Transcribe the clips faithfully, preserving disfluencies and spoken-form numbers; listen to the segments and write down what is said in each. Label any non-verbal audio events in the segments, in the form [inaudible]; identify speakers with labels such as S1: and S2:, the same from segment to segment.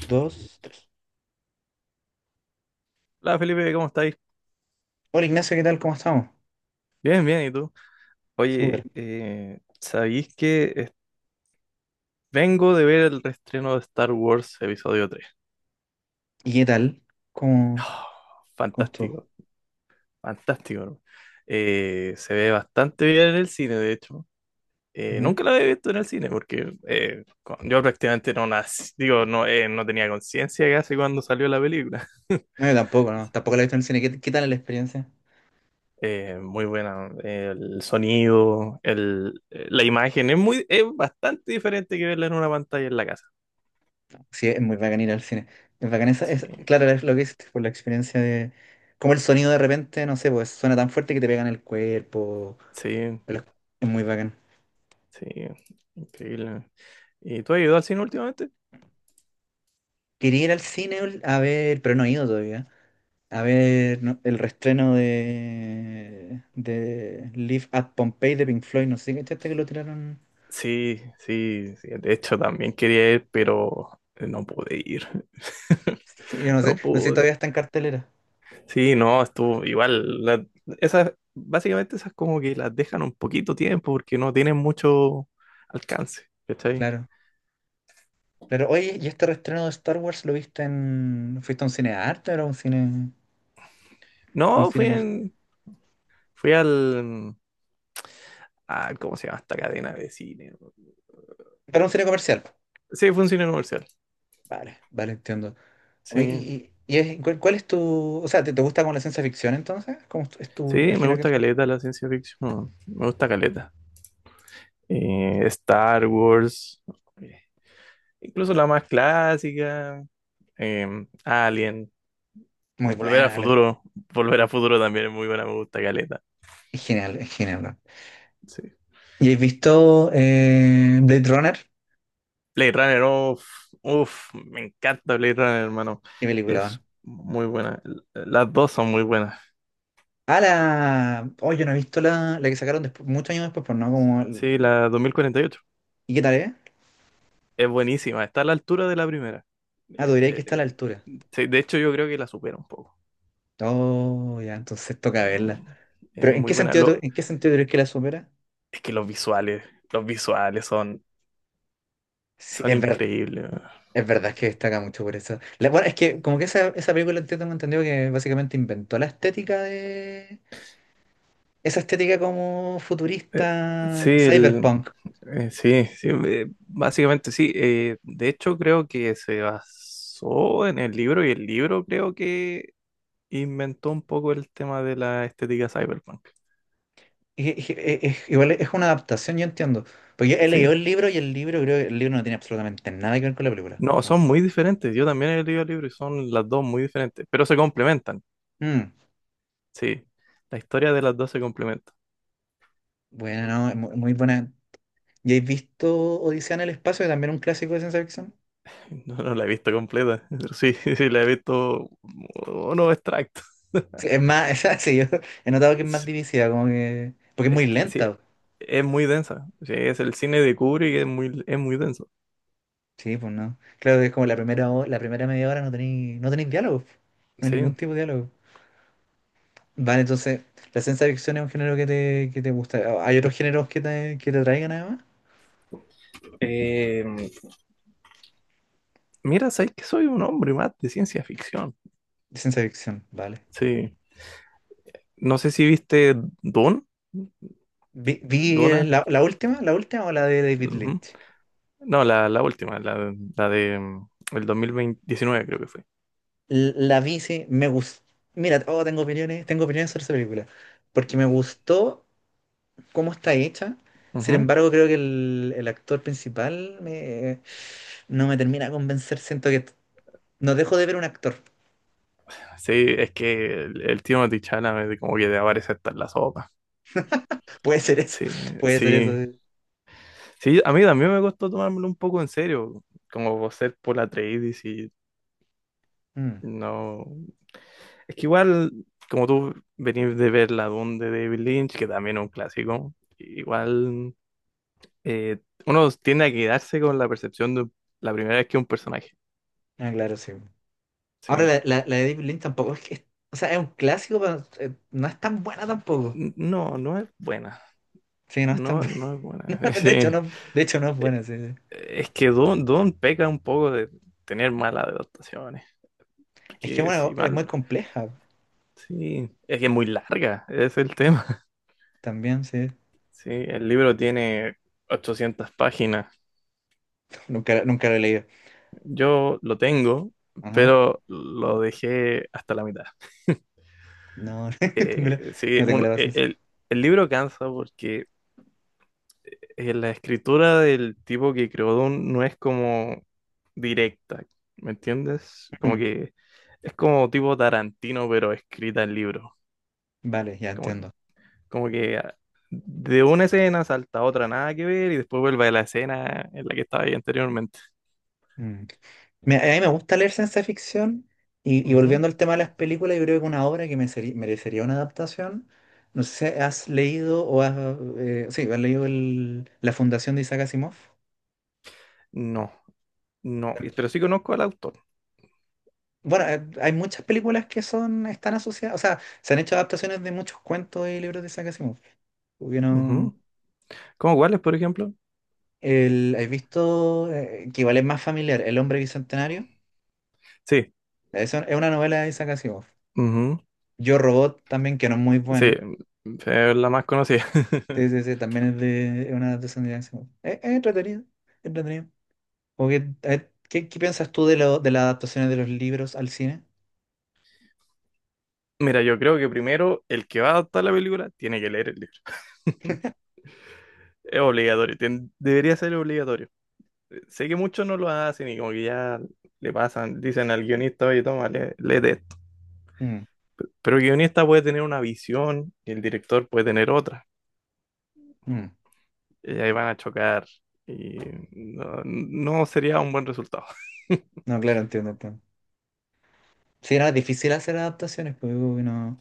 S1: Dos, tres.
S2: Hola Felipe, ¿cómo estáis?
S1: Hola Ignacio, ¿qué tal? ¿Cómo estamos?
S2: Bien, bien, ¿y tú?
S1: Súper.
S2: Oye, eh, ¿sabéis que es- vengo de ver el reestreno de Star Wars Episodio tres?
S1: ¿Y qué tal? ¿Cómo,
S2: [gasps]
S1: cómo estuvo?
S2: Fantástico, fantástico, ¿no? Eh, se ve bastante bien en el cine, de hecho. Eh,
S1: Ujú.
S2: nunca la había visto en el cine porque eh, cu- yo prácticamente no nací, digo, no, eh, no tenía conciencia casi cuando salió la película. [laughs]
S1: No, yo tampoco, no. Tampoco la he visto en el cine. ¿Qué, qué tal la experiencia?
S2: Eh, muy buena, el sonido, el, eh, la imagen es muy, es bastante diferente que verla en una pantalla en la casa.
S1: Sí, es muy bacán ir al cine. Es bacán esa, es,
S2: Sí.
S1: claro, es lo que es por la experiencia de como el sonido de repente, no sé, pues suena tan fuerte que te pega en el cuerpo.
S2: Sí,
S1: Pero es muy bacán.
S2: sí, increíble. ¿Y tú has ido al cine últimamente?
S1: Quería ir al cine ul- a ver, pero no he ido todavía. A ver no, el reestreno de, de Live at Pompeii de Pink Floyd. No sé si cachaste que lo tiraron.
S2: Sí, sí, sí. De hecho, también quería ir, pero no pude ir. [laughs]
S1: Yo no sé,
S2: No
S1: no sé si
S2: pude.
S1: todavía está en cartelera.
S2: Sí, no, estuvo igual. La- esas, básicamente esas como que las dejan un poquito tiempo porque no tienen mucho alcance. ¿Cachai?
S1: Claro. Claro, oye, ¿y este reestreno de Star Wars lo viste en... ¿Fuiste a un cine de arte o era un cine, un
S2: No,
S1: cine
S2: fui
S1: comercial?
S2: en, fui al, ah, ¿cómo se llama esta cadena de cine?
S1: Era un cine comercial.
S2: Sí, fue un cine comercial.
S1: Vale, vale, entiendo. Oye,
S2: Sí,
S1: y, y- y es- ¿cuál, cuál es tu... O sea, ¿te, te gusta como la ciencia ficción entonces? ¿Cómo es tu, es tu- el
S2: sí, me
S1: género
S2: gusta
S1: que tú...
S2: caleta la ciencia ficción. Me gusta caleta. eh, Star Wars, eh, incluso la más clásica, eh, Alien, eh,
S1: Muy
S2: Volver a
S1: buena, vale.
S2: Futuro, [laughs] Volver a Futuro también es muy buena, me gusta Caleta.
S1: Es genial, es genial, ¿no?
S2: Sí.
S1: ¿Y has visto eh, Blade Runner?
S2: Blade Runner, uff, uff, me encanta Blade Runner, hermano.
S1: ¿Qué película,
S2: Es
S1: no?
S2: muy buena. L- Las dos son muy buenas.
S1: Ah, la... Oh, yo no he visto la, la que sacaron después, muchos años después, pues no, como...
S2: Sí,
S1: el-
S2: la dos mil cuarenta y ocho
S1: ¿Y qué tal es?
S2: es buenísima, está a la altura de la primera.
S1: Ah, tú
S2: Eh,
S1: dirías que
S2: eh,
S1: está a la
S2: eh,
S1: altura.
S2: sí, de hecho, yo creo que la supera un poco.
S1: Oh, ya, entonces toca
S2: Es, mu-
S1: verla.
S2: es
S1: Pero ¿en
S2: muy
S1: qué
S2: buena.
S1: sentido, tú-
S2: Lo-
S1: en qué sentido crees que la supera?
S2: es que los visuales, los visuales son
S1: Sí,
S2: son
S1: es verdad,
S2: increíbles, weón.
S1: es verdad que destaca mucho por eso. La- bueno, es que como que esa, esa película entiendo, tengo entendido que básicamente inventó la estética de... Esa estética como
S2: Eh, sí,
S1: futurista,
S2: el,
S1: cyberpunk.
S2: eh, sí, sí, eh, básicamente sí. Eh, de hecho, creo que se basó en el libro y el libro creo que inventó un poco el tema de la estética cyberpunk.
S1: Y- y- y- es- igual es una adaptación, yo entiendo. Porque yo he
S2: Sí,
S1: leído el libro y el libro creo que el libro no tiene absolutamente nada que ver con la película.
S2: no, son
S1: Como,
S2: muy diferentes. Yo también he leído el libro y son las dos muy diferentes, pero se complementan.
S1: mm,
S2: Sí, la historia de las dos se complementa. [laughs]
S1: bueno, no, es mu- muy buena. ¿Y has visto Odisea en el espacio, que también es un clásico de ciencia ficción?
S2: No, no la he visto completa, pero sí, [laughs] sí, la he visto uno extractos.
S1: Sí, es más, [laughs] esa- sí, yo he notado que es más
S2: [laughs]
S1: divisiva, como que. Porque es
S2: Es
S1: muy
S2: que sí,
S1: lenta.
S2: es muy densa. Sí, es el cine de Kubrick, es muy, es muy denso.
S1: Sí, pues no. Claro que es como la primera, ho- la primera media hora no tenéis no tenéis diálogo. No hay ningún
S2: Sí.
S1: tipo de diálogo. Vale, entonces, la ciencia ficción es un género que te, que te gusta. ¿Hay otros géneros que te, que te atraigan además?
S2: Eh, Mira, sabes que soy un hombre más de ciencia ficción.
S1: Ciencia ficción, vale.
S2: Sí. No sé si viste Dune,
S1: Vi, vi, eh,
S2: Duna.
S1: la, la última, la última o la de David
S2: Ujú.
S1: Lynch.
S2: No, la, la última, la, la de mm, el dos mil diecinueve creo que fue.
S1: L- La vi, sí, me gustó. Mira, oh, tengo opiniones, tengo opiniones sobre esa película. Porque me gustó cómo está hecha. Sin
S2: Ujú.
S1: embargo, creo que el, el actor principal me- no me termina de convencer. Siento que no dejo de ver un actor.
S2: Sí, es que el, el tío Chalamet como que de aparece hasta en la sopa.
S1: [laughs] Puede ser eso,
S2: Sí,
S1: [laughs] puede ser eso,
S2: sí.
S1: sí.
S2: Sí, a mí también me costó tomármelo un poco en serio, como por ser por la Atreides y
S1: Mm.
S2: no. Es que igual, como tú venís de ver La Dune de David Lynch, que también es un clásico, igual eh, uno tiende a quedarse con la percepción de la primera vez que un personaje.
S1: Ah, claro, sí. Ahora,
S2: Sí.
S1: la, la, la de David Lynch tampoco es que. es- O sea, es un clásico, pero eh, no es tan buena tampoco.
S2: N- No, no es buena.
S1: Sí, no es tan
S2: No,
S1: buena. [laughs]
S2: no es
S1: No,
S2: buena. [laughs]
S1: de hecho,
S2: Sí.
S1: no, de hecho, no es
S2: Eh,
S1: buena, sí, sí.
S2: Es que Dune, Dune peca un poco de tener malas adaptaciones.
S1: Es que
S2: Porque si
S1: bueno, es muy
S2: mal.
S1: compleja
S2: Sí. Es que es muy larga, ese es el tema. [laughs]
S1: también, sí.
S2: Sí, el libro tiene ochocientas páginas.
S1: Nunca, nunca lo he leído.
S2: Yo lo tengo,
S1: Ajá.
S2: pero lo dejé hasta la mitad.
S1: No, [laughs] tengo la-
S2: Eh, sí,
S1: no tengo la
S2: un- eh,
S1: paciencia.
S2: el, el libro cansa porque eh, la escritura del tipo que creó Dune no es como directa, ¿me entiendes? Como
S1: Mm.
S2: que es como tipo Tarantino, pero escrita en libro.
S1: Vale, ya
S2: Como que,
S1: entiendo.
S2: como que ah, de una escena salta a otra, nada que ver, y después vuelve a la escena en la que estaba ahí anteriormente.
S1: Mm. Me- a mí me gusta leer ciencia ficción y, y
S2: Ujú.
S1: volviendo al tema de las películas, yo creo que una obra que me seri- merecería una adaptación. No sé si has leído o has, eh, sí, has leído el- La Fundación de Isaac Asimov.
S2: No, no, y- pero sí conozco al autor.
S1: Bueno, eh, hay muchas películas que son, están asociadas, o sea, se han hecho adaptaciones de muchos cuentos y libros de Isaac Asimov. Hubieron
S2: Ujú. ¿Cómo cuáles, por ejemplo?
S1: el, ¿has visto eh, que igual es más familiar, El Hombre Bicentenario?
S2: Sí,
S1: Eso es una novela de Isaac Asimov.
S2: ujú,
S1: Yo Robot también, que no es muy
S2: sí,
S1: buena.
S2: es la más conocida. [laughs]
S1: Sí, sí, sí, también es de es una adaptación de estadounidense. Es, es entretenido, es entretenido. Como que, a ver, ¿qué, qué piensas tú de, lo, de las adaptaciones de los libros al cine?
S2: Mira, yo creo que primero el que va a adaptar la película tiene que leer el libro. Es obligatorio, tien- debería ser obligatorio. Sé que muchos no lo hacen y como que ya le pasan, dicen al guionista, oye, toma, lee- léete esto.
S1: Mm,
S2: Pero el guionista puede tener una visión y el director puede tener otra.
S1: mm.
S2: Y ahí van a chocar y no, no sería un buen resultado.
S1: No, claro, entiendo, entiendo. Sí, era difícil hacer adaptaciones, pues como que no.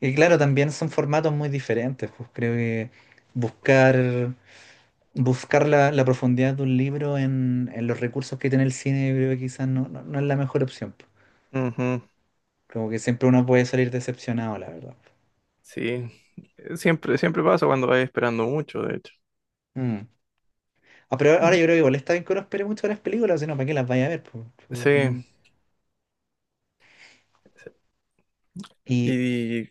S1: Y claro, también son formatos muy diferentes, pues creo que buscar, buscar la, la profundidad de un libro en, en los recursos que tiene el cine, yo creo que quizás no, no, no es la mejor opción, pues.
S2: Ujú,
S1: Como que siempre uno puede salir decepcionado, la verdad.
S2: sí, siempre, siempre pasa cuando vas esperando mucho, de hecho.
S1: Mm. Ah, pero ahora
S2: Mm,
S1: yo creo que igual está bien que uno espere mucho de las películas, sino para que las vaya a ver, po,
S2: sí.
S1: porque no- Y
S2: ¿Y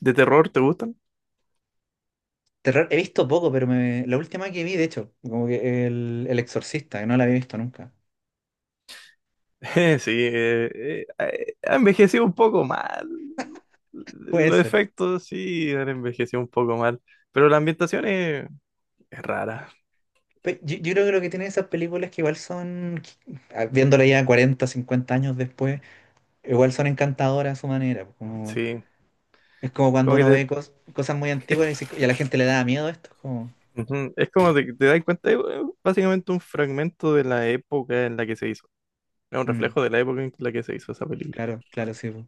S2: de terror te gustan?
S1: terror he visto poco, pero me- la última que vi, de hecho, como que el, el Exorcista, que no la había visto nunca.
S2: [laughs] Sí, eh, eh, eh, ha envejecido un poco mal.
S1: Puede
S2: Los
S1: ser.
S2: efectos sí han envejecido un poco mal, pero la ambientación es, es rara,
S1: Pe- Yo, yo creo que lo que tienen esas películas que igual son, ah, viéndola ya cuarenta cincuenta años después, igual son encantadoras a su manera. Como,
S2: sí.
S1: es como cuando
S2: Como que
S1: uno
S2: te,
S1: ve cos- cosas muy antiguas y, dice- y a la gente le da miedo esto, es como,
S2: ujú, es como te, te das cuenta, es eh, básicamente un fragmento de la época en la que se hizo. Es un
S1: mm,
S2: reflejo de la época en la que se hizo esa película.
S1: claro, claro, sí, po.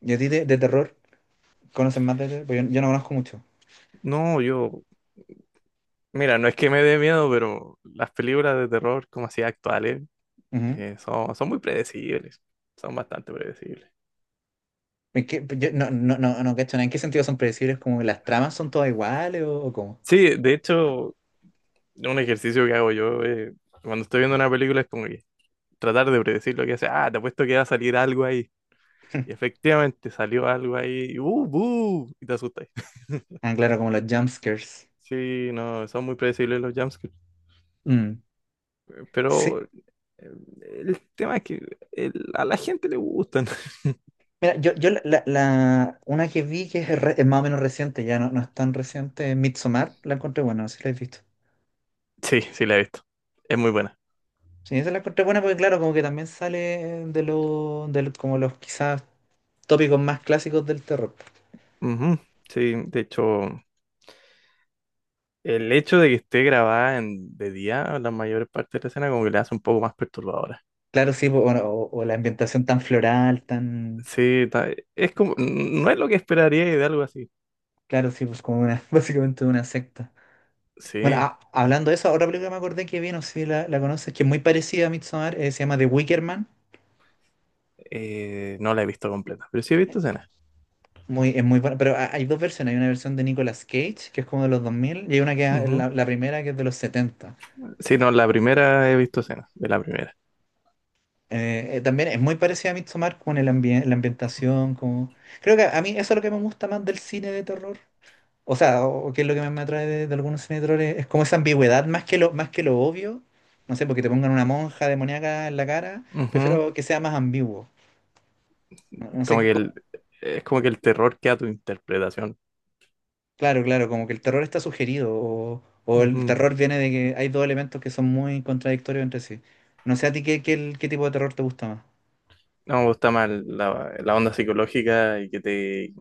S1: ¿Y a ti de, de terror? ¿Conoces más de terror? Porque yo, yo no conozco mucho.
S2: No, yo, mira, no es que me dé miedo, pero las películas de terror como así actuales
S1: Ujú.
S2: eh, son, son muy predecibles. Son bastante predecibles.
S1: Es que yo no, no, no, no, cacho, nada. ¿En qué sentido son predecibles? ¿Como las tramas son todas iguales o, o cómo?
S2: Sí, de hecho, un ejercicio que hago yo eh, cuando estoy viendo una película es como que tratar de predecir lo que hace. Ah, te apuesto que va a salir algo ahí. Y efectivamente salió algo ahí. Y ¡uh, buh! Y te asustas. [laughs]
S1: Ah, claro, como los jumpscares.
S2: Sí, no, son muy predecibles los jumpscares.
S1: Mm, sí.
S2: Pero eh, el tema es que el- a la gente le gustan. [laughs]
S1: Mira, yo, yo la, la- la- una que vi que es, re- es más o menos reciente, ya no, no es tan reciente, es Midsommar, la encontré buena, no sé si la has visto.
S2: Sí, sí, la he visto. Es muy buena.
S1: Sí, esa la encontré buena porque claro, como que también sale de los, de lo- como los quizás tópicos más clásicos del terror.
S2: Ujú, sí, de hecho, el hecho de que esté grabada en, de día, la mayor parte de la escena, como que le hace un poco más perturbadora.
S1: Claro, sí, pues, bueno, o, o la ambientación tan floral, tan...
S2: Sí, ta- es como, no es lo que esperaría de algo así.
S1: Claro, sí, pues como una, [laughs] básicamente una secta. Bueno,
S2: Sí,
S1: ah, hablando de eso, otra película que me acordé que vi, no sé si la, la conoces, que es muy parecida a Midsommar, eh, se llama The Wicker Man.
S2: eh, no la he visto completa, pero sí he visto escenas.
S1: Muy, es muy buena, pero ha- hay dos versiones. Hay una versión de Nicolas Cage, que es como de los dos mil y hay una que es
S2: Ujú.
S1: la, la primera, que es de los setenta.
S2: Sí, no, la primera he visto escenas, de la primera.
S1: Eh, eh, también es muy parecida a Midsommar con el ambien- la ambientación. Como... Creo que a mí eso es lo que me gusta más del cine de terror. O sea, o, o que es lo que más me atrae de, de algunos cine de terror, es, es como esa ambigüedad, más que lo, más que lo obvio. No sé, porque te pongan una monja demoníaca en la cara,
S2: Ujú.
S1: prefiero que sea más ambiguo. No no sé.
S2: Como que el, es como que el terror queda a tu interpretación.
S1: Claro, claro, como que el terror está sugerido o, o el
S2: Ujú.
S1: terror viene de que hay dos elementos que son muy contradictorios entre sí. No sé a ti qué, qué, qué tipo de terror te gusta más.
S2: No me gusta más la, la onda psicológica y que te...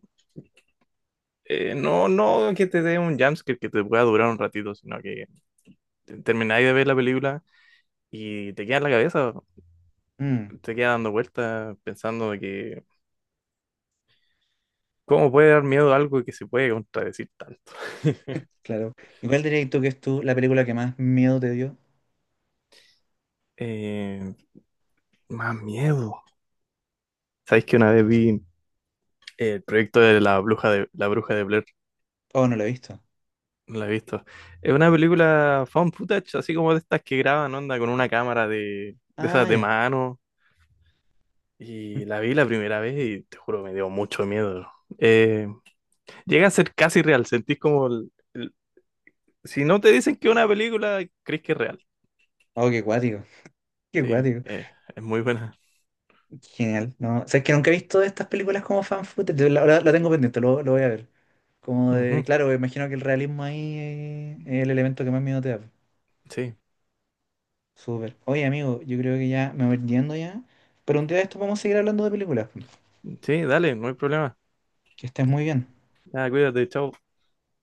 S2: eh, no, no que te dé un jumpscare que te pueda durar un ratito, sino que te- termináis de ver la película y te queda en la cabeza,
S1: Mm,
S2: te queda dando vueltas pensando de que ¿cómo puede dar miedo algo que se puede contradecir tanto? [laughs]
S1: claro. ¿Y cuál dirías tú que es tú la película que más miedo te dio?
S2: Eh, más miedo. ¿Sabéis que una vez vi el proyecto de la bruja de la bruja de Blair?
S1: Oh, no la he visto.
S2: No la he visto. Es una película found footage, así como de estas que graban onda con una cámara de, de esas
S1: Ah,
S2: de
S1: ya.
S2: mano.
S1: Mm.
S2: Y la vi la primera vez y te juro me dio mucho miedo. Eh, Llega a ser casi real. Sentís como el- el- si no te dicen que es una película, crees que es real.
S1: Oh, qué cuático. [laughs] Qué
S2: Sí,
S1: cuático.
S2: eh, es muy buena.
S1: Genial. No, o sea, es que nunca he visto estas películas como fan footage. La, la- la tengo pendiente, lo, lo voy a ver. Como de,
S2: Ujú,
S1: claro, me imagino que el realismo ahí eh, es el elemento que más miedo te da.
S2: sí,
S1: Súper. Oye, amigo, yo creo que ya me voy yendo ya. Pero un día de esto vamos a seguir hablando de películas.
S2: sí, dale, no hay problema.
S1: Que estés muy bien.
S2: Ah, cuídate, chao.